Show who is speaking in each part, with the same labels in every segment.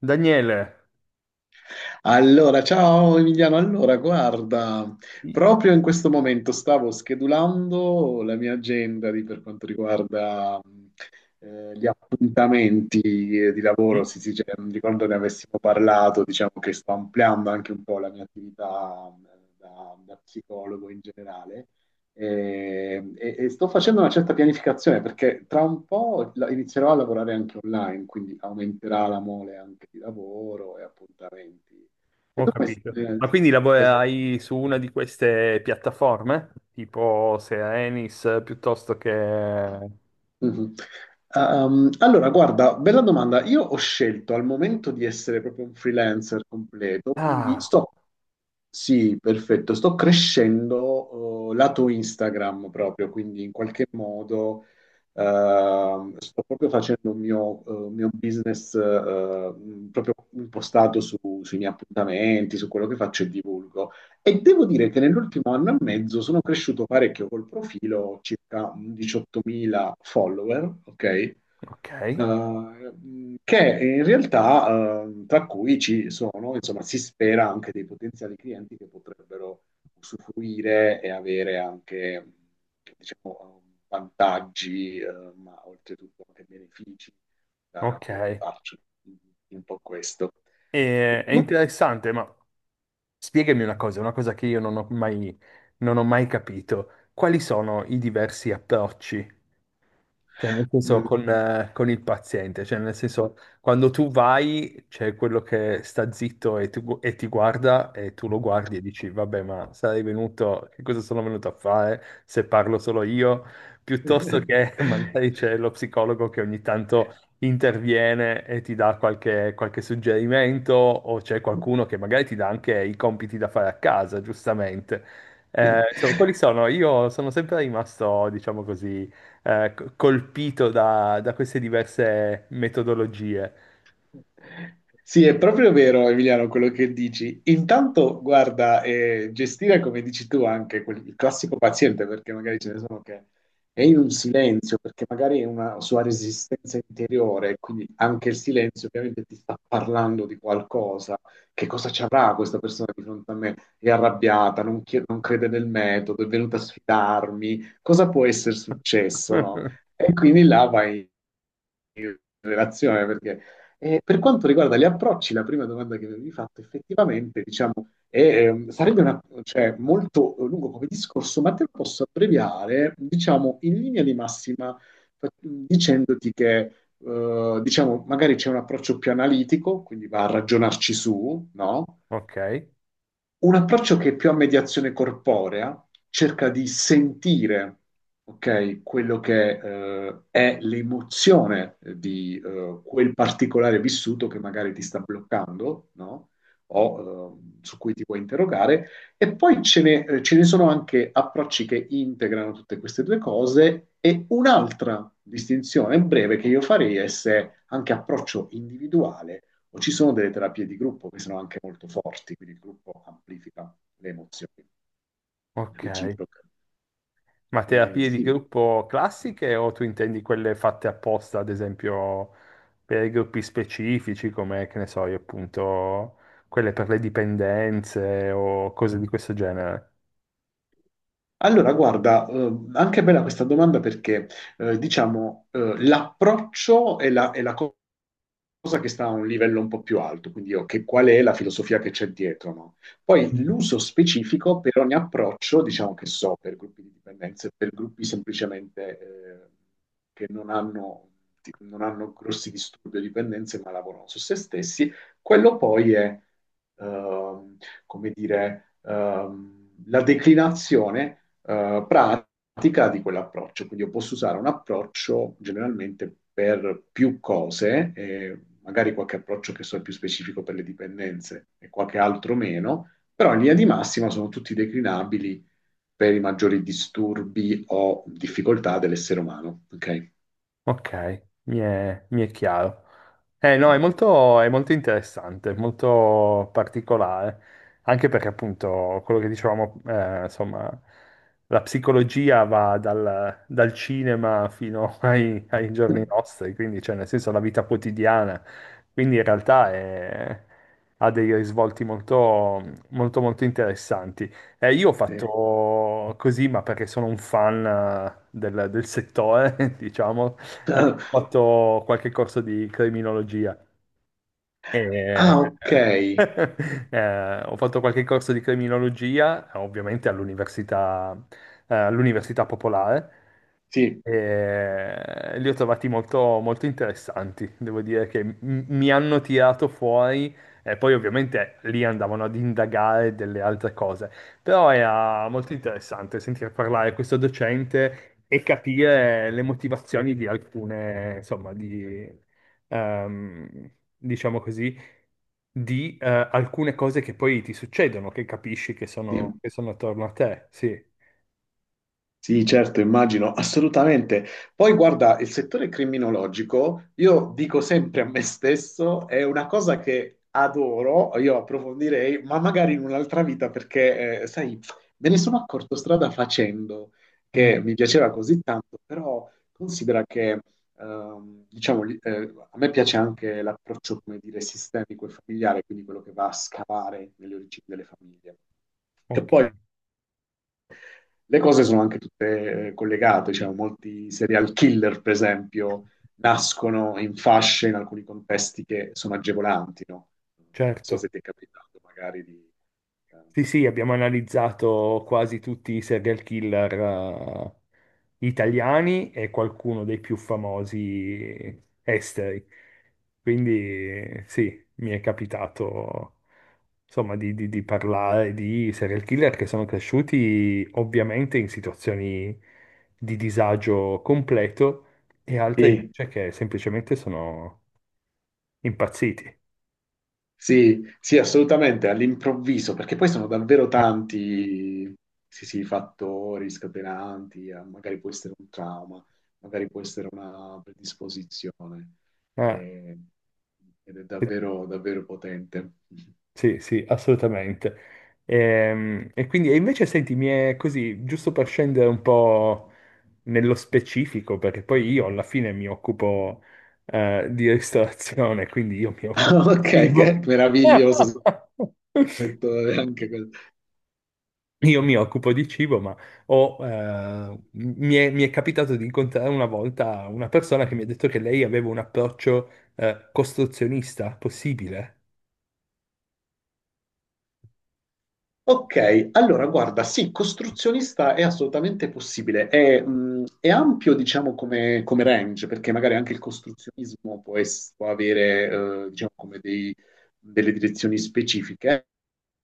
Speaker 1: Daniele,
Speaker 2: Allora, ciao Emiliano, allora guarda, proprio in questo momento stavo schedulando la mia agenda per quanto riguarda gli appuntamenti di lavoro, sì, sì, cioè, non ricordo ne avessimo parlato, diciamo che sto ampliando anche un po' la mia attività da psicologo in generale. E sto facendo una certa pianificazione perché tra un po' inizierò a lavorare anche online, quindi aumenterà la mole anche di lavoro e appuntamenti. E
Speaker 1: ho
Speaker 2: tu come,
Speaker 1: capito. Ma quindi
Speaker 2: come stai?
Speaker 1: lavorerai su una di queste piattaforme? Tipo sia Enis piuttosto che...
Speaker 2: Mhm. Allora, guarda, bella domanda. Io ho scelto al momento di essere proprio un freelancer completo, quindi
Speaker 1: Ah,
Speaker 2: sto, sì, perfetto, sto crescendo, lato Instagram proprio, quindi in qualche modo, sto proprio facendo un mio business, proprio impostato sui miei appuntamenti, su quello che faccio e divulgo. E devo dire che nell'ultimo anno e mezzo sono cresciuto parecchio col profilo, ho circa 18.000 follower, ok?
Speaker 1: ok,
Speaker 2: Che in realtà, tra cui ci sono, insomma, si spera anche dei potenziali clienti che potrebbero usufruire e avere anche, diciamo, vantaggi, ma oltretutto anche benefici da
Speaker 1: ok.
Speaker 2: quello che faccio. Un po' questo.
Speaker 1: E-
Speaker 2: E
Speaker 1: è
Speaker 2: tu?
Speaker 1: interessante, ma spiegami una cosa che io non ho mai capito. Quali sono i diversi approcci. Cioè, nel senso,
Speaker 2: Mm.
Speaker 1: con il paziente, cioè, nel senso, quando tu vai, c'è quello che sta zitto e, e ti guarda e tu lo guardi e dici, vabbè, ma sarei venuto, che cosa sono venuto a fare se parlo solo io? Piuttosto che magari c'è lo psicologo che ogni tanto interviene e ti dà qualche suggerimento, o c'è qualcuno che magari ti dà anche i compiti da fare a casa, giustamente. Insomma, quelli sono, io sono sempre rimasto, diciamo così, colpito da queste diverse metodologie.
Speaker 2: Sì, è proprio vero, Emiliano, quello che dici. Intanto, guarda, gestire, come dici tu, anche il classico paziente, perché magari ce ne sono che è in un silenzio, perché magari è una sua resistenza interiore, quindi anche il silenzio ovviamente ti sta parlando di qualcosa. Che cosa ci avrà questa persona di fronte a me? È arrabbiata, non, non crede nel metodo, è venuta a sfidarmi. Cosa può essere successo, no?
Speaker 1: Eh,
Speaker 2: E quindi là vai relazione, perché per quanto riguarda gli approcci, la prima domanda che mi avevi fatto effettivamente, diciamo, è, sarebbe cioè, molto lungo come discorso, ma te lo posso abbreviare, diciamo, in linea di massima, dicendoti che, diciamo, magari c'è un approccio più analitico, quindi va a ragionarci su, no?
Speaker 1: ok,
Speaker 2: Un approccio che è più a mediazione corporea cerca di sentire, ok, quello che è l'emozione di quel particolare vissuto che magari ti sta bloccando, no? O su cui ti puoi interrogare. E poi ce ne sono anche approcci che integrano tutte queste due cose. E un'altra distinzione breve che io farei è se anche approccio individuale o ci sono delle terapie di gruppo che sono anche molto forti, quindi il gruppo amplifica le emozioni
Speaker 1: ok.
Speaker 2: reciproche.
Speaker 1: Ma terapie di
Speaker 2: Sì.
Speaker 1: gruppo classiche o tu intendi quelle fatte apposta, ad esempio, per i gruppi specifici, come, che ne so, io appunto, quelle per le dipendenze o cose di questo genere?
Speaker 2: Allora, guarda, anche bella questa domanda perché, diciamo, l'approccio e la cosa che sta a un livello un po' più alto, quindi io, qual è la filosofia che c'è dietro, no? Poi
Speaker 1: Mm.
Speaker 2: l'uso specifico per ogni approccio, diciamo che so, per gruppi di dipendenze, per gruppi semplicemente che non hanno, non hanno grossi disturbi o dipendenze, ma lavorano su se stessi, quello poi è, ehm, come dire, la declinazione pratica di quell'approccio. Quindi io posso usare un approccio generalmente per più cose, magari qualche approccio che so è più specifico per le dipendenze e qualche altro meno, però in linea di massima sono tutti declinabili per i maggiori disturbi o difficoltà dell'essere umano. Ok?
Speaker 1: Ok, mi è chiaro. Eh no, è molto interessante, molto particolare, anche perché appunto quello che dicevamo, insomma, la psicologia va dal cinema fino ai giorni nostri, quindi cioè nel senso la vita quotidiana, quindi in realtà ha dei risvolti molto, molto, molto interessanti. Io ho
Speaker 2: Sì.
Speaker 1: fatto così, ma perché sono un fan del settore, diciamo, eh, ho fatto qualche corso di criminologia e
Speaker 2: Ah, ok.
Speaker 1: ho fatto qualche corso di criminologia, ovviamente all'università popolare,
Speaker 2: Sì,
Speaker 1: e li ho trovati molto, molto interessanti, devo dire che mi hanno tirato fuori e poi ovviamente lì andavano ad indagare delle altre cose, però era molto interessante sentire parlare questo docente e capire le motivazioni di alcune, insomma, di, ehm, diciamo così, di alcune cose che poi ti succedono, che capisci
Speaker 2: sì.
Speaker 1: che sono attorno a te, sì.
Speaker 2: Sì, certo, immagino, assolutamente. Poi guarda, il settore criminologico, io dico sempre a me stesso, è una cosa che adoro, io approfondirei, ma magari in un'altra vita, perché, sai, me ne sono accorto strada facendo,
Speaker 1: Mm,
Speaker 2: che mi piaceva così tanto, però considera che, diciamo, a me piace anche l'approccio, come dire, sistemico e familiare, quindi quello che va a scavare nelle origini delle famiglie. Che
Speaker 1: ok,
Speaker 2: poi le cose sono anche tutte collegate, cioè molti serial killer, per esempio, nascono in fasce in alcuni contesti che sono agevolanti, no? Non so
Speaker 1: certo.
Speaker 2: se ti è capitato magari di... eh,
Speaker 1: Sì, sì, abbiamo analizzato quasi tutti i serial killer italiani e qualcuno dei più famosi esteri. Quindi sì, mi è capitato insomma di parlare di serial killer che sono cresciuti ovviamente in situazioni di disagio completo e altri
Speaker 2: Sì,
Speaker 1: invece che semplicemente sono impazziti.
Speaker 2: sì, sì, assolutamente, all'improvviso, perché poi sono davvero
Speaker 1: Eh,
Speaker 2: tanti, sì, sì, fattori scatenanti, magari può essere un trauma, magari può essere una predisposizione, eh, ed è
Speaker 1: eh,
Speaker 2: davvero, davvero potente.
Speaker 1: Sì, sì, assolutamente. Quindi, e invece senti, mi è così, giusto per scendere un po' nello specifico, perché poi io alla fine mi occupo di ristorazione, quindi io mi occupo di
Speaker 2: Ok,
Speaker 1: cibo.
Speaker 2: che meraviglioso settore anche quello.
Speaker 1: Io mi occupo di cibo, ma mi è capitato di incontrare una volta una persona che mi ha detto che lei aveva un approccio costruzionista possibile.
Speaker 2: Ok, allora guarda, sì, costruzionista è assolutamente possibile, è ampio diciamo come, come range, perché magari anche il costruzionismo può, può avere diciamo come delle direzioni specifiche.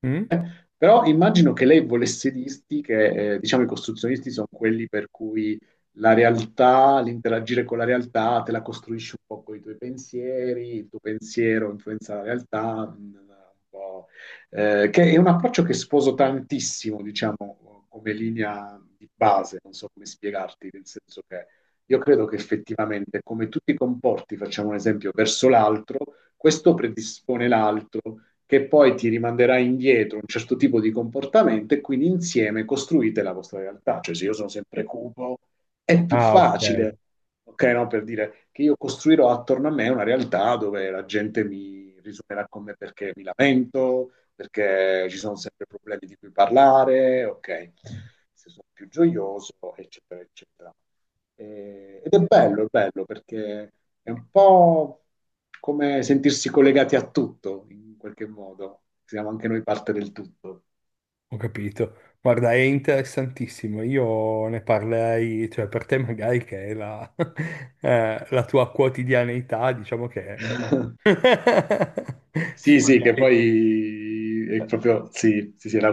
Speaker 1: Mm?
Speaker 2: Però immagino che lei volesse dirti che, diciamo, i costruzionisti sono quelli per cui la realtà, l'interagire con la realtà, te la costruisci un po' con i tuoi pensieri, il tuo pensiero influenza la realtà, mm, un po', che è un approccio che sposo tantissimo, diciamo, come linea di base, non so come spiegarti, nel senso che io credo che effettivamente come tu ti comporti, facciamo un esempio, verso l'altro, questo predispone l'altro che poi ti rimanderà indietro un certo tipo di comportamento e quindi insieme costruite la vostra realtà. Cioè se io sono sempre cupo, è più
Speaker 1: Ah, ok.
Speaker 2: facile, ok? No? Per dire che io costruirò attorno a me una realtà dove la gente mi risuonerà con me perché mi lamento, perché ci sono sempre problemi di cui parlare, ok, se sono più gioioso, eccetera, eccetera. Ed è bello perché è un po' come sentirsi collegati a tutto, in qualche modo. Siamo anche noi parte del tutto.
Speaker 1: Ho capito. Guarda, è interessantissimo. Io ne parlerei, cioè per te magari che è la, la tua quotidianità, diciamo che
Speaker 2: Sì, sì, che
Speaker 1: magari
Speaker 2: poi è proprio, sì, sì, sì, la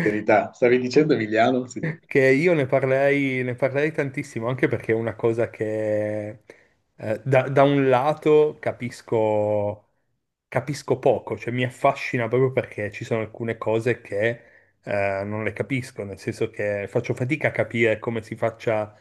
Speaker 2: quotidianità. Stavi dicendo Emiliano? Sì,
Speaker 1: che io ne parlerei tantissimo, anche perché è una cosa che da un lato capisco, capisco poco, cioè mi affascina proprio perché ci sono alcune cose che non le capisco, nel senso che faccio fatica a capire come si faccia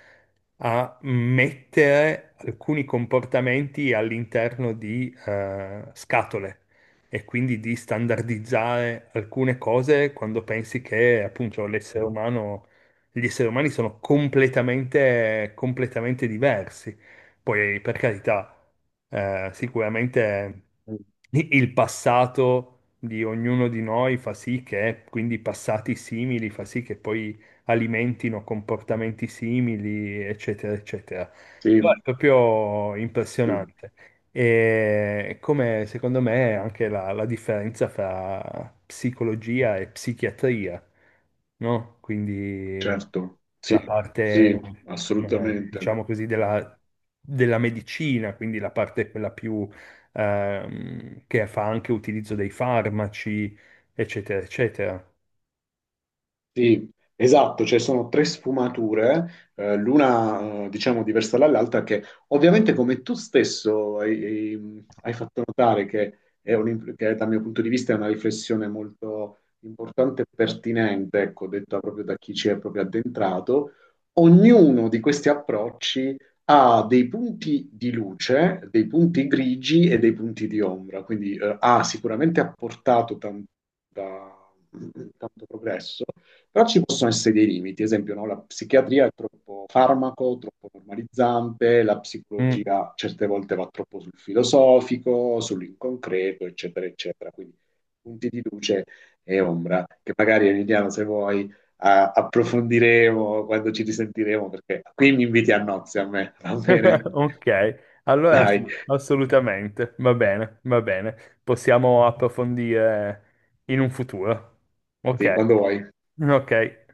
Speaker 1: a mettere alcuni comportamenti all'interno di scatole e quindi di standardizzare alcune cose quando pensi che appunto l'essere umano, gli esseri umani sono completamente, completamente diversi. Poi, per carità, sicuramente
Speaker 2: sì,
Speaker 1: il passato di ognuno di noi fa sì che, quindi passati simili, fa sì che poi alimentino comportamenti simili, eccetera, eccetera.
Speaker 2: sì,
Speaker 1: Però è proprio
Speaker 2: sì,
Speaker 1: impressionante. E come secondo me anche la differenza fra psicologia e psichiatria, no? Quindi
Speaker 2: certo, sì,
Speaker 1: la parte,
Speaker 2: sì, assolutamente.
Speaker 1: diciamo così, della medicina, quindi la parte quella più che fa anche utilizzo dei farmaci, eccetera, eccetera.
Speaker 2: Sì, esatto, cioè sono tre sfumature, l'una diciamo diversa dall'altra, che ovviamente come tu stesso hai fatto notare che, che dal mio punto di vista è una riflessione molto importante e pertinente, ecco, detta proprio da chi ci è proprio addentrato, ognuno di questi approcci ha dei punti di luce, dei punti grigi e dei punti di ombra, quindi ha sicuramente apportato da- tanto progresso però ci possono essere dei limiti, ad esempio, no, la psichiatria è troppo farmaco, troppo normalizzante, la
Speaker 1: Mm.
Speaker 2: psicologia certe volte va troppo sul filosofico, sull'inconcreto, eccetera, eccetera. Quindi punti di luce e ombra, che magari Emiliano, se vuoi, approfondiremo quando ci risentiremo, perché qui mi inviti a nozze a me, va bene?
Speaker 1: Ok, allora
Speaker 2: Dai,
Speaker 1: sì, assolutamente, va bene, possiamo approfondire in un futuro. Ok,
Speaker 2: sì, quando vuoi.
Speaker 1: ok.